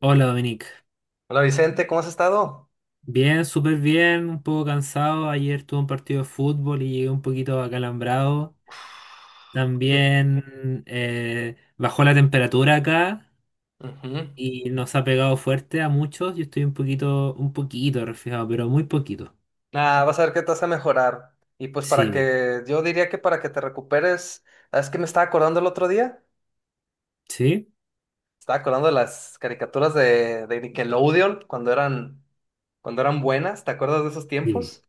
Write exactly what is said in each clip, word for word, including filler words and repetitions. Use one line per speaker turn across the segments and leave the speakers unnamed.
Hola, Dominic.
Hola Vicente, ¿cómo has estado?
Bien, súper bien, un poco cansado. Ayer tuve un partido de fútbol y llegué un poquito acalambrado.
Sí.
También eh, bajó la temperatura acá
Ujú.
y nos ha pegado fuerte a muchos. Yo estoy un poquito, un poquito resfriado, pero muy poquito.
Ah, vas a ver que te vas a mejorar. Y pues para
Sí,
que, yo diría que para que te recuperes, ¿sabes que me estaba acordando el otro día?
sí,
Estaba acordando de las caricaturas de, de Nickelodeon cuando eran, cuando eran buenas, ¿te acuerdas de esos
sí.
tiempos?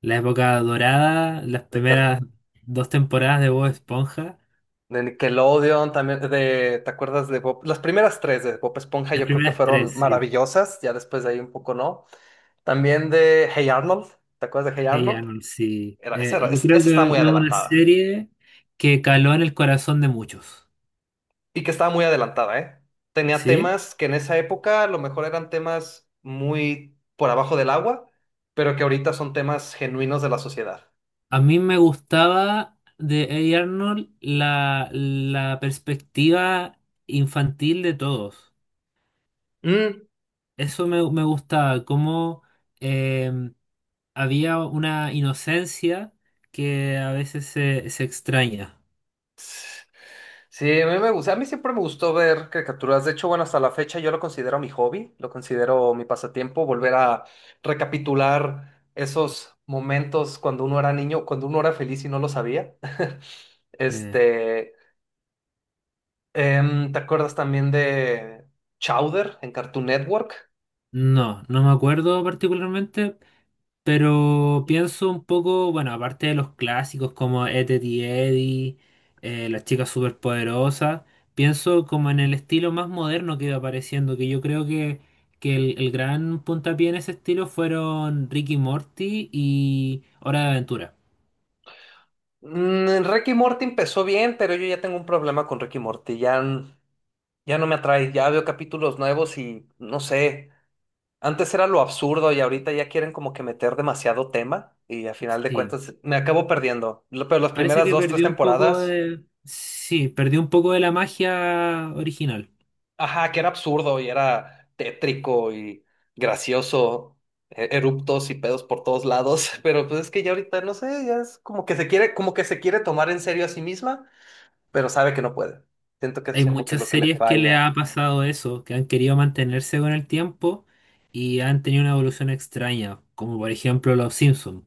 La época dorada, las
De, car-
primeras dos temporadas de Bob Esponja,
de Nickelodeon, también de, ¿te acuerdas de Bob? Las primeras tres de Bob Esponja
las
yo creo que
primeras tres,
fueron
sí.
maravillosas, ya después de ahí un poco no. También de Hey Arnold, ¿te acuerdas de Hey
Hey
Arnold?
Arnold, sí.
Era, esa,
Eh,
era-
yo
es- Esa
creo
estaba
que es
muy
una
adelantada.
serie que caló en el corazón de muchos.
Y que estaba muy adelantada, ¿eh? Tenía
¿Sí?
temas que en esa época a lo mejor eran temas muy por abajo del agua, pero que ahorita son temas genuinos de la sociedad.
A mí me gustaba de Hey Arnold la, la perspectiva infantil de todos.
Mm,
Eso me, me gustaba, cómo eh, había una inocencia que a veces se, se extraña.
s- sí, a mí me gusta. A mí siempre me gustó ver caricaturas. De hecho, bueno, hasta la fecha yo lo considero mi hobby, lo considero mi pasatiempo, volver a recapitular esos momentos cuando uno era niño, cuando uno era feliz y no lo sabía.
Eh,
Este, Em, ¿te acuerdas también de Chowder en Cartoon Network?
no, no me acuerdo particularmente. Pero pienso un poco, bueno, aparte de los clásicos como Ed, Edd y Eddy, eh, Las chicas superpoderosas. Pienso como en el estilo más moderno que iba apareciendo, que yo creo que, que el, el gran puntapié en ese estilo fueron Ricky Morty y Hora de Aventura.
Mm, Rick y Morty empezó bien, pero yo ya tengo un problema con Rick y Morty. Ya, n- ya no me atrae. Ya veo capítulos nuevos y no sé. Antes era lo absurdo y ahorita ya quieren como que meter demasiado tema y a final de
Sí,
cuentas me acabo perdiendo. Lo- Pero las
parece
primeras
que
dos, tres
perdió un poco
temporadas.
de, sí, perdió un poco de la magia original.
Ajá, que era absurdo y era tétrico y gracioso, e- eruptos y pedos por todos lados. Pero pues es que ya ahorita no sé, ya es como que se quiere, como que se quiere tomar en serio a sí misma, pero sabe que no puede. Siento que eso
Hay
es como que
muchas
lo que le
series que le
falla.
ha pasado eso, que han querido mantenerse con el tiempo y han tenido una evolución extraña, como por ejemplo Los Simpsons.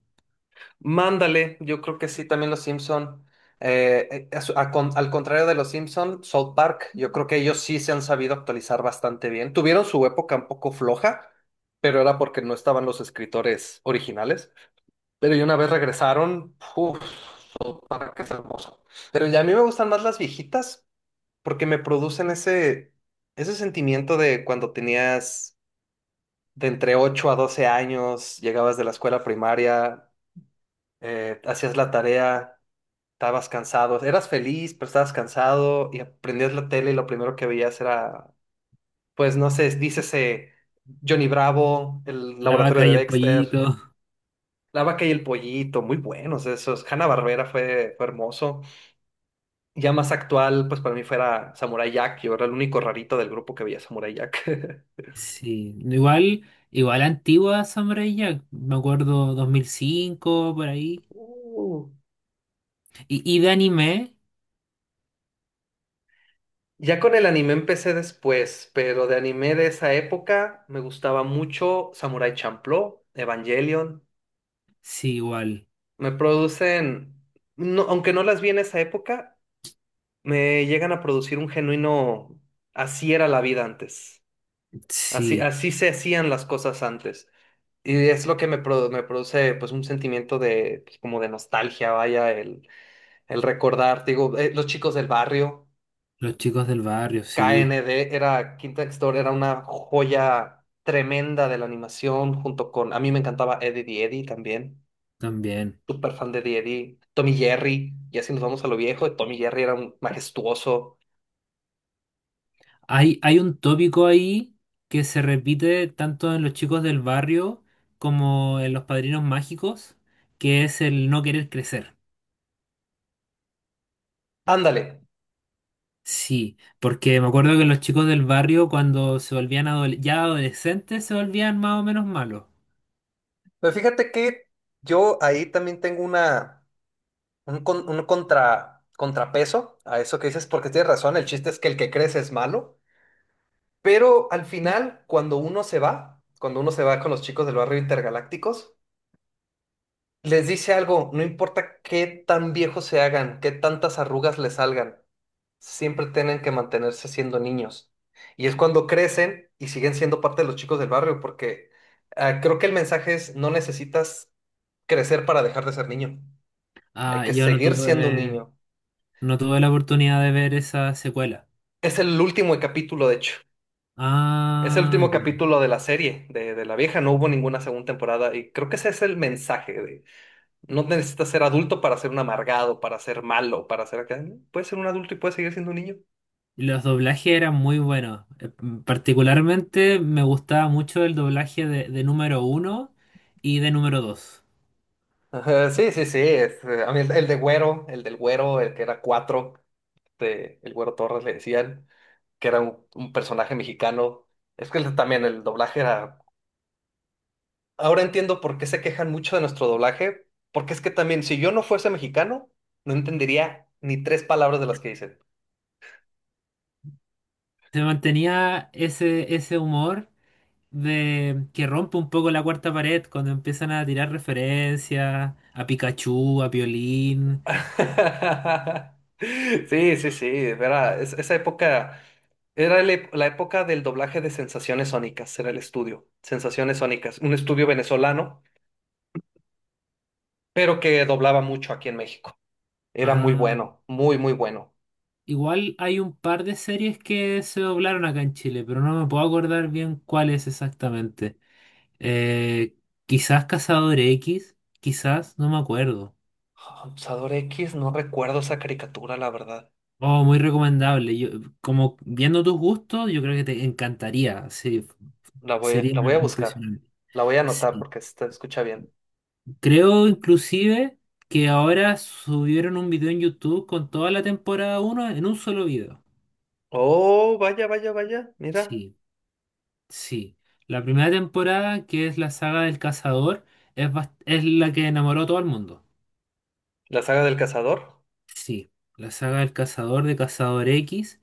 Mándale, yo creo que sí, también los Simpson. Eh, eh, a su- a con- Al contrario de los Simpson, South Park, yo creo que ellos sí se han sabido actualizar bastante bien. Tuvieron su época un poco floja, pero era porque no estaban los escritores originales. Pero y una vez regresaron, uff, para que es hermoso. Pero ya a mí me gustan más las viejitas porque me producen ese, ese sentimiento de cuando tenías de entre ocho a doce años, llegabas de la escuela primaria, eh, hacías la tarea, estabas cansado, eras feliz, pero estabas cansado y aprendías la tele y lo primero que veías era, pues no sé, dícese Johnny Bravo, el
La vaca
laboratorio de
y el
Dexter.
pollito.
La vaca y el pollito, muy buenos esos. Hanna-Barbera fue, fue hermoso. Ya más actual, pues para mí fuera Samurai Jack. Yo era el único rarito del grupo que veía Samurai Jack.
Sí, igual, igual antigua Samurai Jack, me acuerdo dos mil cinco por ahí.
Uh.
Y, y de anime,
Ya con el anime empecé después, pero de anime de esa época me gustaba mucho Samurai Champloo, Evangelion.
Sí, igual.
Me producen, no, aunque no las vi en esa época, me llegan a producir un genuino, así era la vida antes. Así,
Sí,
así se hacían las cosas antes. Y es lo que me, pro- me produce pues un sentimiento de pues, como de nostalgia, vaya, el, el recordar, te digo, eh, los chicos del barrio,
Los chicos del barrio,
K N
sí,
D era Quinta Store, era una joya tremenda de la animación, junto con, a mí me encantaba Eddie the Eddy también,
también.
súper fan de Eddie Eddy, Tommy Jerry, y así nos vamos a lo viejo, Tommy Jerry era un majestuoso.
Hay, hay un tópico ahí que se repite tanto en los chicos del barrio como en los padrinos mágicos, que es el no querer crecer.
Ándale,
Sí, porque me acuerdo que los chicos del barrio cuando se volvían adole- ya adolescentes se volvían más o menos malos.
pero fíjate que yo ahí también tengo una. Un, con- un contra, contrapeso a eso que dices, porque tienes razón, el chiste es que el que crece es malo, pero al final, cuando uno se va, cuando uno se va con los chicos del barrio intergalácticos, les dice algo, no importa qué tan viejos se hagan, qué tantas arrugas les salgan, siempre tienen que mantenerse siendo niños. Y es cuando crecen y siguen siendo parte de los chicos del barrio, porque ah, creo que el mensaje es, no necesitas crecer para dejar de ser niño, hay
Ah,
que
yo no
seguir siendo un
tuve,
niño.
no tuve la oportunidad de ver esa secuela.
Es el último capítulo, de hecho. Es el
Ah,
último
ya.
capítulo de la serie, de, de la vieja. No hubo ninguna segunda temporada. Y creo que ese es el mensaje de no necesitas ser adulto para ser un amargado, para ser malo, para ser acá. Puedes ser un adulto y puedes seguir siendo un niño.
Y los doblajes eran muy buenos. Eh, m- Particularmente me gustaba mucho el doblaje de, de número uno y de número dos.
Ajá, sí, sí, sí. es, eh, a mí el, el de Güero, el del Güero, el que era cuatro, de, el Güero Torres le decían, que era un, un personaje mexicano. Es que el- también el doblaje era. Ahora entiendo por qué se quejan mucho de nuestro doblaje, porque es que también si yo no fuese mexicano, no entendería ni tres palabras de las que dicen.
Se mantenía ese, ese humor de que rompe un poco la cuarta pared cuando empiezan a tirar referencias a Pikachu, a Piolín.
Sí, sí, sí, era, es- esa época era el ep- la época del doblaje de Sensaciones Sónicas, era el estudio, Sensaciones Sónicas, un estudio venezolano, pero que doblaba mucho aquí en México. Era muy
a-
bueno, muy, muy bueno.
Igual hay un par de series que se doblaron acá en Chile, pero no me puedo acordar bien cuáles exactamente. Eh, Quizás Cazador X, quizás, no me acuerdo.
Abusador X, no recuerdo esa caricatura, la verdad.
Oh, muy recomendable. Yo, como viendo tus gustos, yo creo que te encantaría. Sí,
La voy,
sería
la voy a buscar,
impresionante.
la voy a anotar
Sí.
porque se escucha bien.
Creo inclusive que ahora subieron un video en YouTube con toda la temporada uno en un solo video.
Oh, vaya, vaya, vaya. Mira,
Sí, sí. La primera temporada, que es la saga del cazador, es, bast- es la que enamoró a todo el mundo.
la saga del cazador.
Sí, la saga del cazador de Cazador X.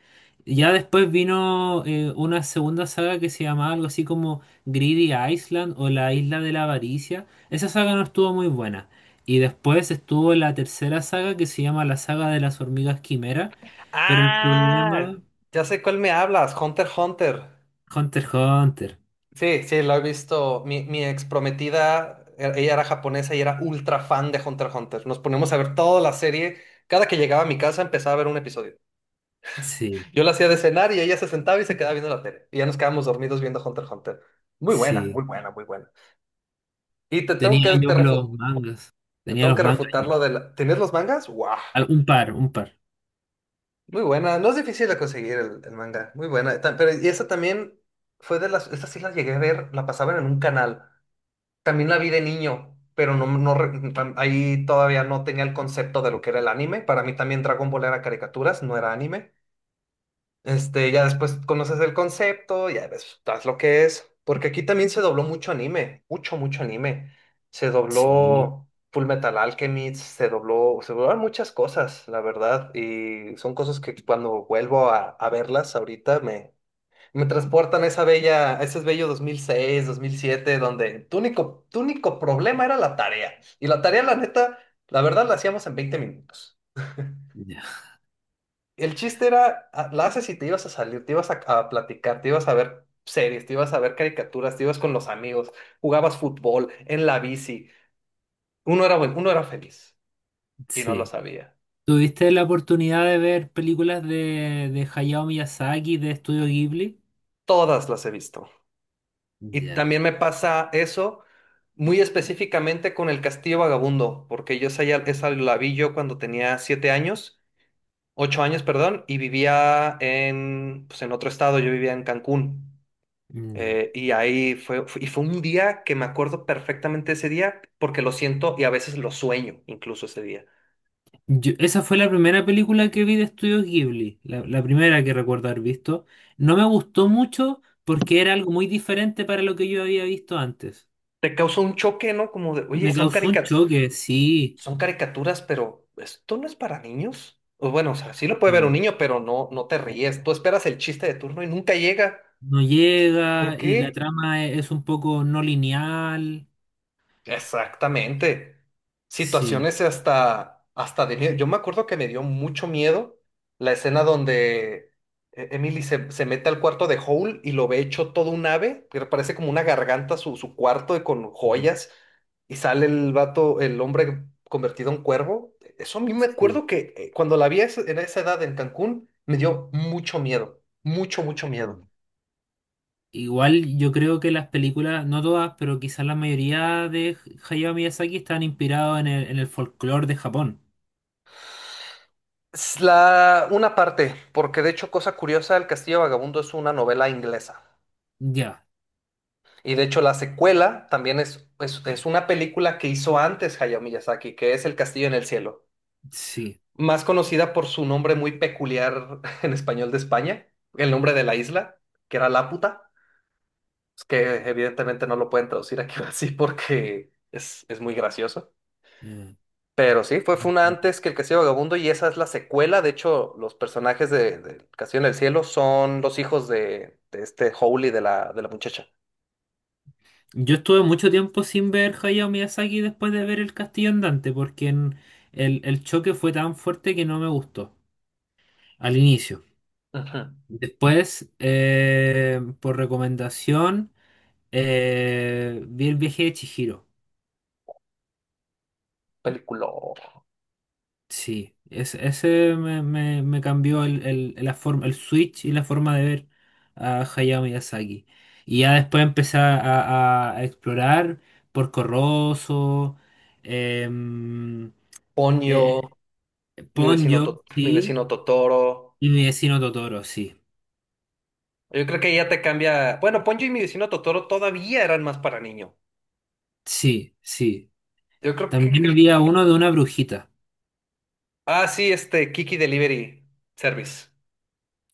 Ya después vino eh, una segunda saga que se llamaba algo así como Greedy Island o la Isla de la Avaricia. Esa saga no estuvo muy buena. Y después estuvo la tercera saga que se llama la saga de las hormigas quimera. Pero el
Ah,
problema,
ya sé cuál me hablas, Hunter x Hunter.
Hunter x Hunter.
Sí, sí, lo he visto. Mi, mi ex prometida, e- ella era japonesa y era ultra fan de Hunter x Hunter. Nos poníamos a ver toda la serie. Cada que llegaba a mi casa empezaba a ver un episodio.
Sí,
Yo la hacía de cenar y ella se sentaba y se quedaba viendo la tele. Y ya nos quedábamos dormidos viendo Hunter x Hunter. Muy buena,
sí.
muy buena, muy buena. Y te tengo que,
Tenía yo
te refu-
los mangas.
te
Tenía
tengo
los
que
mangas.
refutar lo de la... ¿Tienes los mangas? ¡Guau!
Al- Un par, un par.
Muy buena, no es difícil de conseguir el, el manga, muy buena. eh, Ta- Pero y esa también fue de las, esta sí la llegué a ver, la pasaban en un canal. También la vi de niño, pero no, no re- tam- ahí todavía no tenía el concepto de lo que era el anime. Para mí también Dragon Ball era caricaturas, no era anime. Este, ya después conoces el concepto, ya ves, sabes lo que es. Porque aquí también se dobló mucho anime, mucho, mucho anime. Se
Sí,
dobló Full Metal Alchemist, se dobló, se doblaron muchas cosas, la verdad. Y son cosas que cuando vuelvo a, a verlas ahorita me, me transportan a esa bella, a ese bello dos dos mil seis, dos mil siete, donde tu único, tu único problema era la tarea. Y la tarea, la neta, la verdad, la hacíamos en veinte minutos.
ya,
El chiste era, ah, la haces y te ibas a salir, te ibas a, a platicar, te ibas a ver series, te ibas a ver caricaturas, te ibas con los amigos, jugabas fútbol, en la bici. Uno era bueno, uno era feliz y no lo
sí.
sabía.
¿Tuviste la oportunidad de ver películas de, de Hayao Miyazaki, de Estudio Ghibli?
Todas las he visto. Y
Ya,
también me pasa eso muy específicamente con El Castillo Vagabundo, porque yo esa, ya- esa la vi yo cuando tenía siete años, ocho años, perdón, y vivía en, pues en otro estado, yo vivía en Cancún.
ya.
Eh, y ahí fue, fue- y fue un día que me acuerdo perfectamente ese día porque lo siento y a veces lo sueño incluso ese día.
Yo- esa fue la primera película que vi de Estudio Ghibli, la, la primera que recuerdo haber visto. No me gustó mucho porque era algo muy diferente para lo que yo había visto antes.
Te causa un choque, ¿no? Como de, oye,
Me
son
causó un
carica-
choque, sí.
son caricaturas, pero esto no es para niños. O bueno, o sea, sí lo puede ver un
Sí.
niño, pero no, no te ríes. Tú esperas el chiste de turno y nunca llega.
No
¿Por
llega y la
qué?
trama e- es un poco no lineal.
Exactamente.
Sí,
Situaciones hasta, hasta de miedo. Yo me acuerdo que me dio mucho miedo la escena donde eh, Emily se, se mete al cuarto de Hole y lo ve hecho todo un ave, que parece como una garganta su, su cuarto y con
sí,
joyas, y sale el vato, el hombre convertido en cuervo. Eso a mí me
sí.
acuerdo que eh, cuando la vi a esa- en esa edad en Cancún, me dio mucho miedo, mucho, mucho miedo.
Igual yo creo que las películas, no todas, pero quizás la mayoría de Hayao Miyazaki están inspirados en el, en el folclore de Japón.
Es La, una parte, porque de hecho, cosa curiosa, El Castillo Vagabundo es una novela inglesa.
Ya,
Y de hecho, la secuela también es, es, es una película que hizo antes Hayao Miyazaki, que es El Castillo en el Cielo.
sí.
Más conocida por su nombre muy peculiar en español de España, el nombre de la isla, que era Laputa. Es que evidentemente no lo pueden traducir aquí así porque es, es muy gracioso.
eh.
Pero sí, fue, fue una antes que El Castillo Vagabundo y esa es la secuela. De hecho, los personajes de, de El Castillo en el Cielo son los hijos de, de este Howley de la, de la muchacha.
Yo estuve mucho tiempo sin ver Hayao Miyazaki después de ver El Castillo Andante, porque en- el, el choque fue tan fuerte que no me gustó al inicio.
Ujú.
Después, eh, por recomendación, eh, vi El viaje de Chihiro.
Película.
Sí, ese, ese me, me- me cambió el, el- la forma, el switch y la forma de ver a Hayao Miyazaki. Y ya después empecé a, a- a explorar Porco Rosso, em,
Ponyo,
eh,
mi vecino,
Ponyo,
To- mi
sí,
vecino Totoro.
y mi vecino Totoro, sí.
Yo creo que ya te cambia. Bueno, Ponyo y mi vecino Totoro todavía eran más para niño.
Sí, sí.
Yo creo que.
También
el-
había uno de una brujita,
Ah, sí, este Kiki Delivery Service.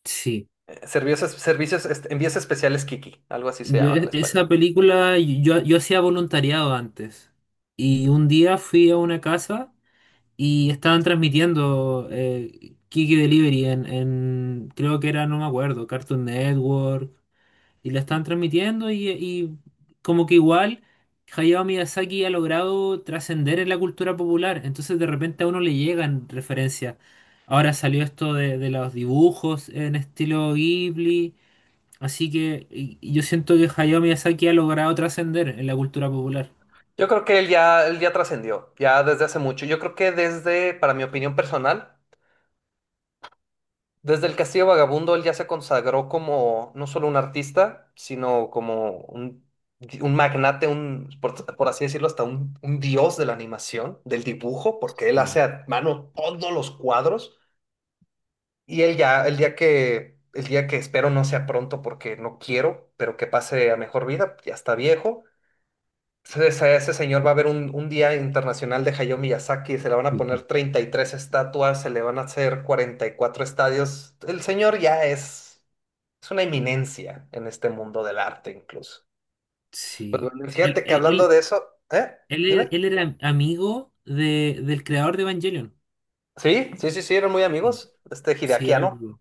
sí.
Eh, Servicios, servicios, este, envíos especiales Kiki, algo así se
Yo,
llama en
e- esa
español.
película, yo, yo hacía voluntariado antes. Y un día fui a una casa. Y estaban transmitiendo eh, Kiki Delivery en, en, creo que era, no me acuerdo, Cartoon Network. Y la estaban transmitiendo y, y como que igual Hayao Miyazaki ha logrado trascender en la cultura popular. Entonces de repente a uno le llegan referencias. Ahora salió esto de, de los dibujos en estilo Ghibli. Así que y- y yo siento que Hayao Miyazaki ha logrado trascender en la cultura popular.
Yo creo que él ya, él ya trascendió, ya desde hace mucho. Yo creo que desde, para mi opinión personal, desde el Castillo Vagabundo, él ya se consagró como no solo un artista, sino como un, un magnate, un, por, por así decirlo, hasta un, un dios de la animación, del dibujo, porque él hace
Sí.
a mano todos los cuadros. Y él ya, el día que, el día que espero no sea pronto porque no quiero, pero que pase a mejor vida, ya está viejo. Ese, ese señor, va a haber un, un día internacional de Hayao Miyazaki, se le van a poner treinta y tres estatuas, se le van a hacer cuarenta y cuatro estadios. El señor ya es, es una eminencia en este mundo del arte incluso. Pues
Sí.
bueno,
Él,
fíjate que
él-
hablando
él-
de eso, ¿eh?
Él, e-
Dime.
él era amigo de, del creador de Evangelion.
Sí, sí, sí, sí, eran muy
Sí.
amigos. Este Hideaki
Sí,
Anno,
algo.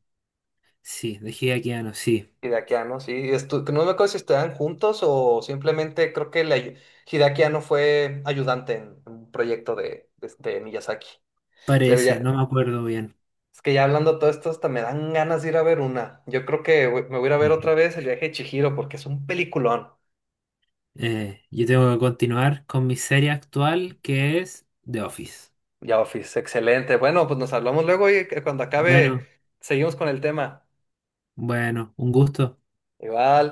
Sí, de Hideaki Anno, sí.
Hideaki Anno, sí. Estu- que no me acuerdo si estudiaban juntos o simplemente creo que le ayu- Hideaki Anno fue ayudante en un proyecto de, de, de Miyazaki.
Parece, no me acuerdo bien.
Es que ya hablando de todo esto, hasta me dan ganas de ir a ver una. Yo creo que voy- me voy a ir a ver
Ujú.
otra vez El viaje de Chihiro porque es un peliculón.
Eh, yo tengo que continuar con mi serie actual que es The Office.
Ya, Office, excelente. Bueno, pues nos hablamos luego y que cuando acabe
Bueno,
seguimos con el tema.
bueno, un gusto.
Igual.